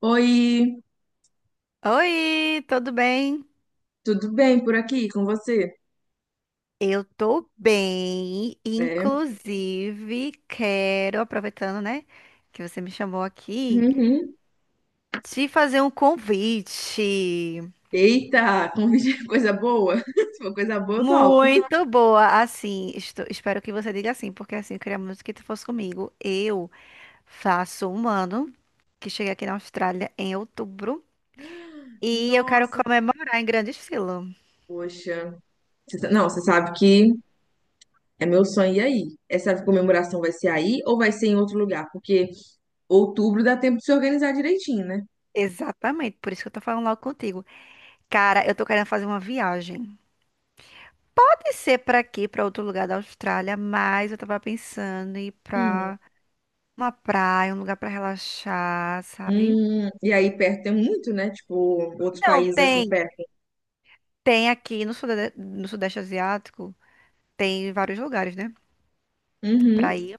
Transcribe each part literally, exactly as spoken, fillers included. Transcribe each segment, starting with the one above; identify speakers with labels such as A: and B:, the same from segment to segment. A: Oi,
B: Oi, tudo bem?
A: tudo bem por aqui com você?
B: Eu tô bem,
A: É.
B: inclusive quero, aproveitando, né, que você me chamou aqui,
A: Uhum.
B: te fazer um convite.
A: Eita, convite coisa boa. Se for coisa boa, eu topo.
B: Muito boa, assim, estou- espero que você diga assim, porque assim, eu queria muito que tu fosse comigo. Eu faço um ano que cheguei aqui na Austrália em outubro e eu quero
A: Nossa,
B: comemorar em grande estilo.
A: poxa. Você sa- Não, você sabe que é meu sonho ir aí. Essa comemoração vai ser aí ou vai ser em outro lugar? Porque outubro dá tempo de se organizar direitinho, né?
B: Exatamente, por isso que eu tô falando logo contigo. Cara, eu tô querendo fazer uma viagem. Pode ser para aqui, para outro lugar da Austrália, mas eu tava pensando em ir
A: Hum.
B: pra uma praia, um lugar para relaxar, sabe?
A: Hum, E aí perto tem muito, né? Tipo, outros
B: Não,
A: países assim
B: tem.
A: perto.
B: Tem aqui no Sudeste, no Sudeste Asiático, tem vários lugares, né? Pra
A: Uhum.
B: ir.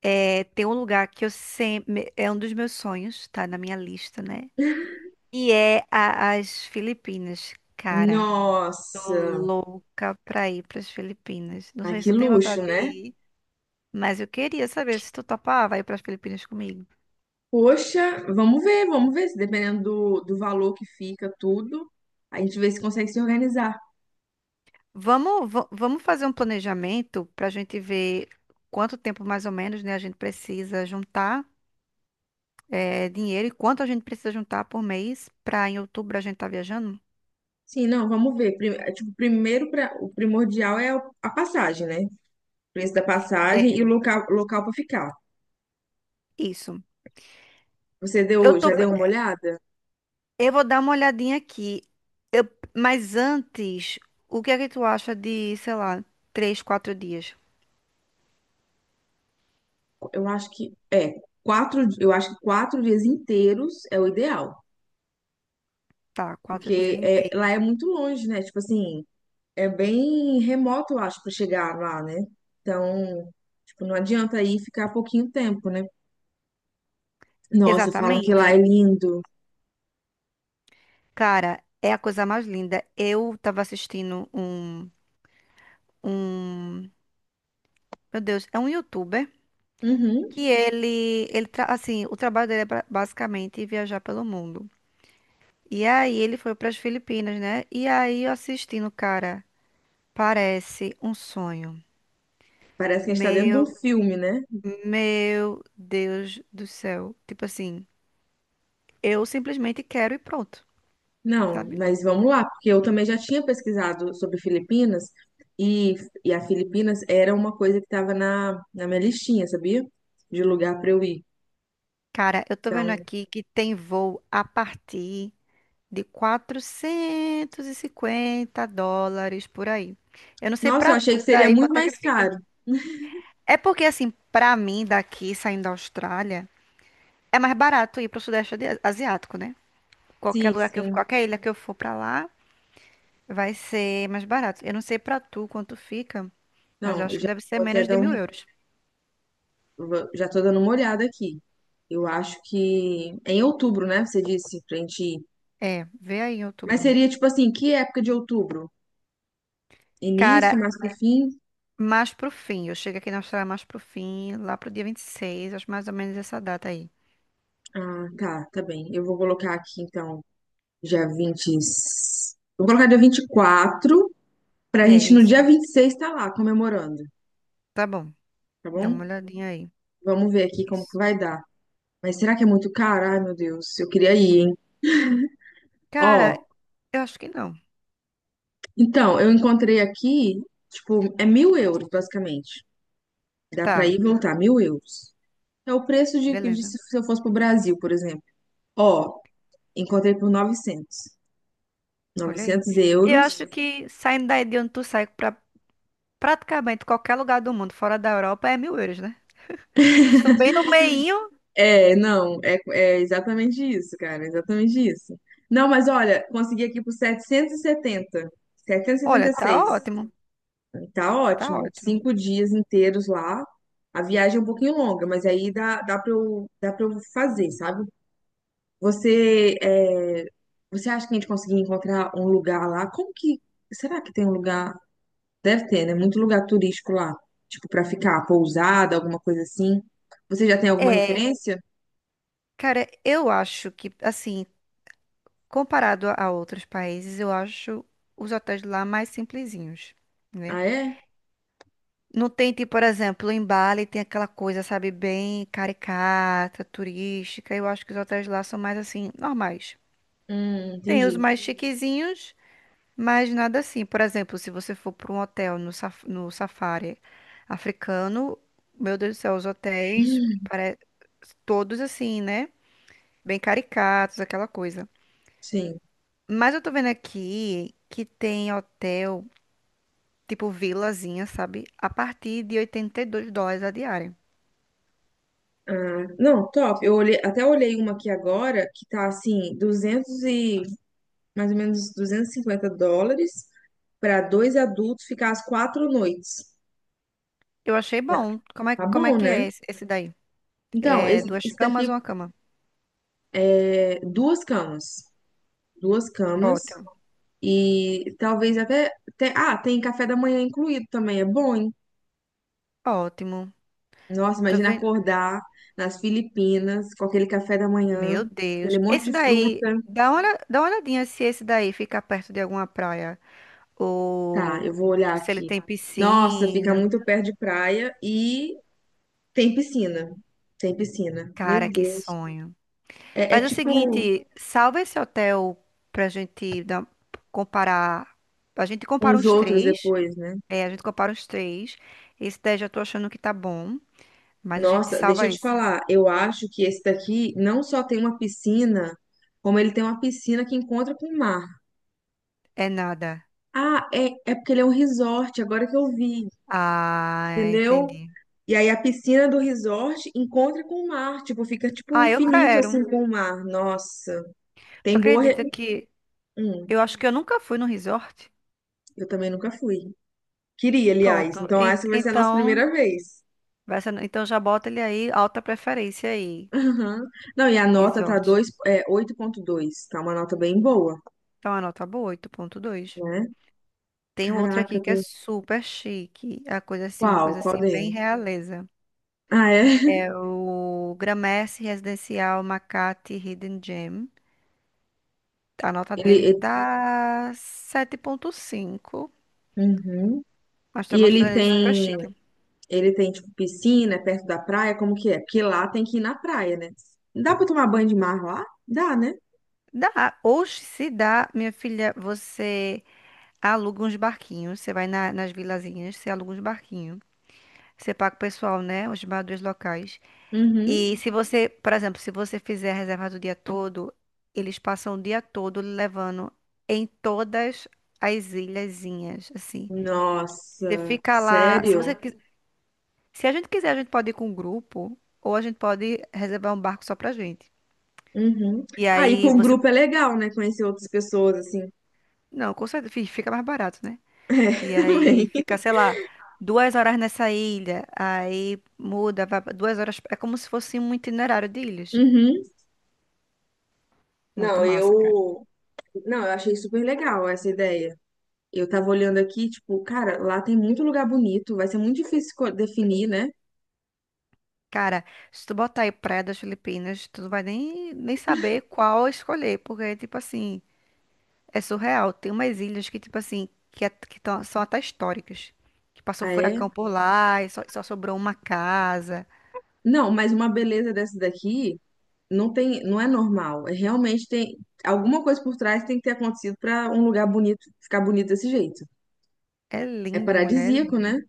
B: É, tem um lugar que eu sempre. É um dos meus sonhos, tá na minha lista, né? E é a- as Filipinas, cara. Tô
A: Nossa,
B: louca pra ir pras Filipinas. Não
A: ai,
B: sei se
A: que
B: tu tem
A: luxo,
B: vontade de
A: né?
B: ir, mas eu queria saber se tu topava ir pras Filipinas comigo.
A: Poxa, vamos ver, vamos ver, se dependendo do, do valor que fica tudo, a gente vê se consegue se organizar.
B: Vamos, va- vamos fazer um planejamento para a gente ver quanto tempo mais ou menos, né, a gente precisa juntar eh, dinheiro e quanto a gente precisa juntar por mês para em outubro a gente estar viajando?
A: Sim, não, vamos ver. Pri- é, Tipo, primeiro pra, o primordial é o- a passagem, né? O preço da passagem e o
B: É.
A: local, local para ficar.
B: Isso.
A: Você
B: Eu
A: deu,
B: tô,
A: já
B: pe-
A: deu uma olhada?
B: eu vou dar uma olhadinha aqui, mas antes, o que é que tu acha de, sei lá, três, quatro dias?
A: Eu acho que é quatro, di- eu acho que quatro dias inteiros é o ideal,
B: Tá, quatro dias
A: porque é, lá é
B: inteiros.
A: muito longe, né? Tipo assim, é bem remoto, eu acho, para chegar lá, né? Então, tipo, não adianta aí ficar pouquinho tempo, né? Nossa, falam que
B: Exatamente.
A: lá é lindo.
B: Cara, é a coisa mais linda. Eu tava assistindo um, um, meu Deus, é um youtuber.
A: Uhum.
B: Que ele, ele tra- assim, o trabalho dele é ba- basicamente viajar pelo mundo. E aí ele foi para as Filipinas, né? E aí eu assistindo, cara, parece um sonho.
A: Parece que a gente está dentro de um
B: Meu,
A: filme, né?
B: meu Deus do céu. Tipo assim, eu simplesmente quero e pronto,
A: Não,
B: sabe?
A: mas vamos lá, porque eu também já tinha pesquisado sobre Filipinas e, e a Filipinas era uma coisa que estava na, na minha listinha, sabia? De lugar para eu ir.
B: Cara, eu tô vendo
A: Então,
B: aqui que tem voo a partir de quatrocentos e cinquenta dólares por aí. Eu não sei
A: nossa, eu
B: pra
A: achei que
B: tu
A: seria
B: daí
A: muito
B: quanto é que
A: mais
B: fica.
A: caro.
B: É porque, assim, pra mim, daqui saindo da Austrália, é mais barato ir pro Sudeste Adi- Asiático, né? Qualquer
A: Sim,
B: lugar que eu,
A: sim.
B: qualquer ilha que eu for pra lá, vai ser mais barato. Eu não sei pra tu quanto fica, mas eu
A: Não, eu
B: acho que
A: já
B: deve ser
A: vou até
B: menos
A: dar
B: de
A: um,
B: mil euros.
A: vou- já tô dando uma olhada aqui. Eu acho que é em outubro, né? Você disse pra gente ir.
B: É, vê aí em
A: Mas
B: outubro.
A: seria tipo assim, que época de outubro? Início,
B: Cara,
A: mais pro fim?
B: mais pro fim. Eu chego aqui na Austrália mais pro fim, lá pro dia vinte e seis. Acho mais ou menos essa data aí.
A: Ah, tá, tá bem. Eu vou colocar aqui, então, dia vinte e- vou colocar dia vinte e quatro, pra
B: É
A: gente no
B: isso.
A: dia vinte e seis estar lá comemorando,
B: Tá bom.
A: tá
B: Dá
A: bom?
B: uma olhadinha aí.
A: Vamos ver aqui como que
B: Isso.
A: vai dar. Mas será que é muito caro? Ai, meu Deus, eu queria ir, hein? Ó,
B: Cara, eu acho que não.
A: então, eu encontrei aqui, tipo, é mil euros, basicamente. Dá pra
B: Tá,
A: ir e voltar, mil euros. É o preço de, de
B: beleza.
A: se se eu fosse pro Brasil, por exemplo. Ó, encontrei por novecentos
B: Olha aí.
A: novecentos
B: E eu
A: euros
B: acho que saindo daí de onde tu sai pra praticamente qualquer lugar do mundo, fora da Europa, é mil euros, né? Vocês estão bem no meinho.
A: É, não, é, é exatamente isso, cara, exatamente isso. Não, mas olha, consegui aqui por setecentos setecentos e e setenta, setecentos e setenta
B: Olha,
A: e
B: tá
A: seis.
B: ótimo.
A: Tá
B: Tá
A: ótimo,
B: ótimo.
A: cinco dias inteiros lá. A viagem é um pouquinho longa, mas aí dá, dá pra eu, dá pra eu fazer, sabe? Você, é, você acha que a gente conseguir encontrar um lugar lá? Como que, será que tem um lugar? Deve ter, né? Muito lugar turístico lá, tipo, pra ficar pousada, alguma coisa assim. Você já tem alguma
B: É,
A: referência?
B: cara, eu acho que, assim, comparado a a outros países, eu acho os hotéis lá mais simplesinhos, né?
A: Ah, é?
B: Não tem, tipo, por exemplo, em Bali tem aquela coisa, sabe, bem caricata, turística. Eu acho que os hotéis lá são mais, assim, normais.
A: Hum,
B: Tem os
A: entendi.
B: mais chiquezinhos. Mas nada assim. Por exemplo, se você for para um hotel no, saf- no safari africano, meu Deus do céu, os hotéis
A: Hum,
B: pare... todos assim, né? Bem caricatos, aquela coisa.
A: Sim.
B: Mas eu tô vendo aqui que tem hotel, tipo vilazinha, sabe? A partir de 82 dólares a diária.
A: Ah, não, top. Eu olhei, até olhei uma aqui agora que tá assim, duzentos e mais ou menos duzentos e cinquenta dólares para dois adultos ficar as quatro noites.
B: Eu achei
A: Tá
B: bom. Como é,
A: tá
B: como é
A: bom,
B: que
A: né?
B: é esse esse daí?
A: Então,
B: É
A: esse,
B: duas
A: esse
B: camas
A: daqui
B: ou uma cama?
A: é duas camas, duas camas
B: Ótimo.
A: e talvez até, até- ah, tem café da manhã incluído também, é bom, hein?
B: Ótimo.
A: Nossa,
B: Eu tô
A: imagina
B: vendo.
A: acordar nas Filipinas com aquele café da manhã,
B: Meu Deus.
A: aquele monte
B: Esse
A: de
B: daí,
A: fruta.
B: dá uma, olha- dá uma olhadinha se esse daí fica perto de alguma praia.
A: Tá,
B: Ou
A: eu vou olhar
B: se ele
A: aqui.
B: tem
A: Nossa, fica
B: piscina.
A: muito perto de praia e tem piscina. Tem piscina. Meu
B: Cara, que
A: Deus.
B: sonho.
A: É, é
B: Faz o
A: tipo
B: seguinte, salva esse hotel pra gente dar- comparar. A gente compara
A: uns
B: uns
A: outros
B: três.
A: depois, né?
B: É, a gente compara uns três. Esse daí já tô achando que tá bom. Mas a gente
A: Nossa, deixa
B: salva
A: eu te
B: esse.
A: falar. Eu acho que esse daqui não só tem uma piscina, como ele tem uma piscina que encontra com o mar.
B: É nada.
A: Ah, é, é porque ele é um resort, agora que eu vi,
B: Ah,
A: entendeu?
B: entendi.
A: E aí a piscina do resort encontra com o mar. Tipo, fica tipo
B: Ah, eu
A: infinito assim
B: quero.
A: com o mar. Nossa.
B: Tu
A: Tem boa. re-
B: acredita que
A: Hum,
B: eu acho que eu nunca fui no resort?
A: eu também nunca fui. Queria, aliás.
B: Pronto.
A: Então,
B: En-
A: essa vai ser a nossa
B: Então,
A: primeira vez.
B: vai ser- então já bota ele aí, alta preferência aí,
A: Aham. Não, e a nota tá
B: resort.
A: dois, é, oito ponto dois. Tá uma nota bem boa,
B: Então, a nota boa, oito ponto dois.
A: né?
B: Tem outro
A: Caraca,
B: aqui
A: eu
B: que é
A: tô...
B: super chique. É a coisa assim, uma
A: qual?
B: coisa
A: Qual
B: assim, bem
A: dele?
B: realeza.
A: Ah, é?
B: É o Gramercy Residencial Makati Hidden Gem. A nota
A: Ele,
B: dele
A: ele-
B: tá sete ponto cinco.
A: Uhum.
B: Nós
A: E
B: estamos
A: ele
B: fazendo ele super
A: tem,
B: chique.
A: ele tem, tipo, piscina é perto da praia, como que é? Porque lá tem que ir na praia, né? Dá pra tomar banho de mar lá? Dá, né?
B: Dá. Hoje, se dá, minha filha, você aluga uns barquinhos. Você vai na- nas vilazinhas, você aluga uns barquinhos. Você paga o pessoal, né? Os barbeadores locais.
A: Uhum.
B: E se você, por exemplo, se você fizer a reserva do dia todo, eles passam o dia todo lhe levando em todas as ilhazinhas, assim. Você
A: Nossa,
B: fica lá, se
A: sério?
B: você quis- se a gente quiser, a gente pode ir com um grupo ou a gente pode reservar um barco só pra gente.
A: Uhum.
B: E
A: Aí,
B: aí
A: com o
B: você,
A: grupo é legal, né? Conhecer outras pessoas, assim.
B: não, com certeza fi- fica mais barato, né?
A: É,
B: E aí
A: também.
B: fica, sei lá, duas horas nessa ilha, aí muda, vai pra duas horas, é como se fosse um itinerário de ilhas.
A: Uhum.
B: Muito
A: Não,
B: massa.
A: eu. Não, eu achei super legal essa ideia. Eu tava olhando aqui, tipo, cara, lá tem muito lugar bonito, vai ser muito difícil esco- definir, né?
B: Cara, se tu botar aí Praia das Filipinas, tu não vai nem, nem saber qual escolher, porque, tipo assim, é surreal. Tem umas ilhas que, tipo assim, que, é- que tão- são até históricas. Que passou
A: Ah, é?
B: furacão por lá e só, só sobrou uma casa.
A: Não, mas uma beleza dessa daqui não tem, não é normal. É realmente tem alguma coisa por trás que tem que ter acontecido pra um lugar bonito ficar bonito desse jeito.
B: É
A: É
B: lindo, mulher, é
A: paradisíaco, né?
B: lindo.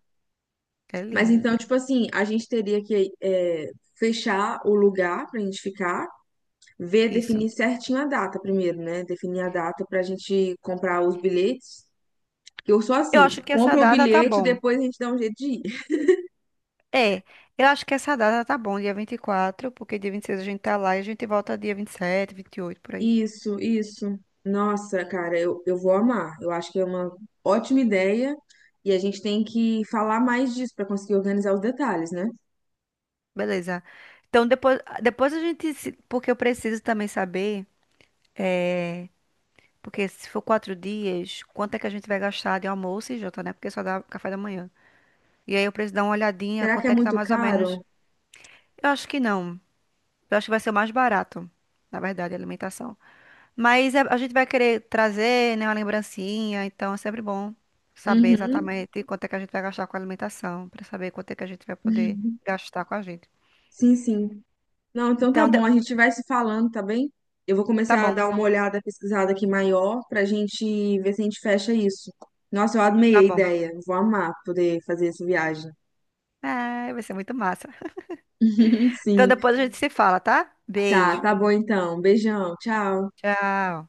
B: É
A: Mas
B: lindo.
A: então, tipo assim, a gente teria que é, fechar o lugar pra gente ficar ver,
B: Isso.
A: definir certinho a data primeiro, né? Definir a data para a gente comprar os bilhetes. Eu sou
B: Eu
A: assim,
B: acho
A: tipo,
B: que essa
A: compra o
B: data tá
A: bilhete e
B: bom.
A: depois a gente dá um jeito de ir.
B: É, eu acho que essa data tá bom, dia vinte e quatro, porque dia vinte e seis a gente tá lá e a gente volta dia vinte vinte e sete, vinte e oito por aí.
A: Isso, isso. Nossa, cara, eu, eu vou amar. Eu acho que é uma ótima ideia e a gente tem que falar mais disso para conseguir organizar os detalhes, né?
B: Beleza. Então, depois, depois a gente. se- Porque eu preciso também saber. É, porque se for quatro dias, quanto é que a gente vai gastar de almoço e janta, né? Porque só dá café da manhã. E aí eu preciso dar uma olhadinha,
A: Será que
B: quanto
A: é
B: é que tá
A: muito
B: mais ou
A: caro?
B: menos. Eu acho que não. Eu acho que vai ser o mais barato, na verdade, a alimentação. Mas é- a gente vai querer trazer, né, uma lembrancinha, então é sempre bom saber
A: Uhum.
B: exatamente quanto é que a gente vai gastar com a alimentação, pra saber quanto é que a gente vai poder gastar com a gente.
A: Sim, sim. Não, então tá
B: Então, de-
A: bom, a gente vai se falando, tá bem? Eu vou
B: tá
A: começar a
B: bom,
A: dar uma olhada pesquisada aqui maior pra gente ver se a gente fecha isso. Nossa, eu amei
B: tá
A: a
B: bom.
A: ideia. Vou amar poder fazer essa viagem.
B: É, vai ser muito massa. Então
A: Sim.
B: depois a gente se fala, tá?
A: Tá,
B: Beijo.
A: tá bom então. Beijão, tchau.
B: Tchau.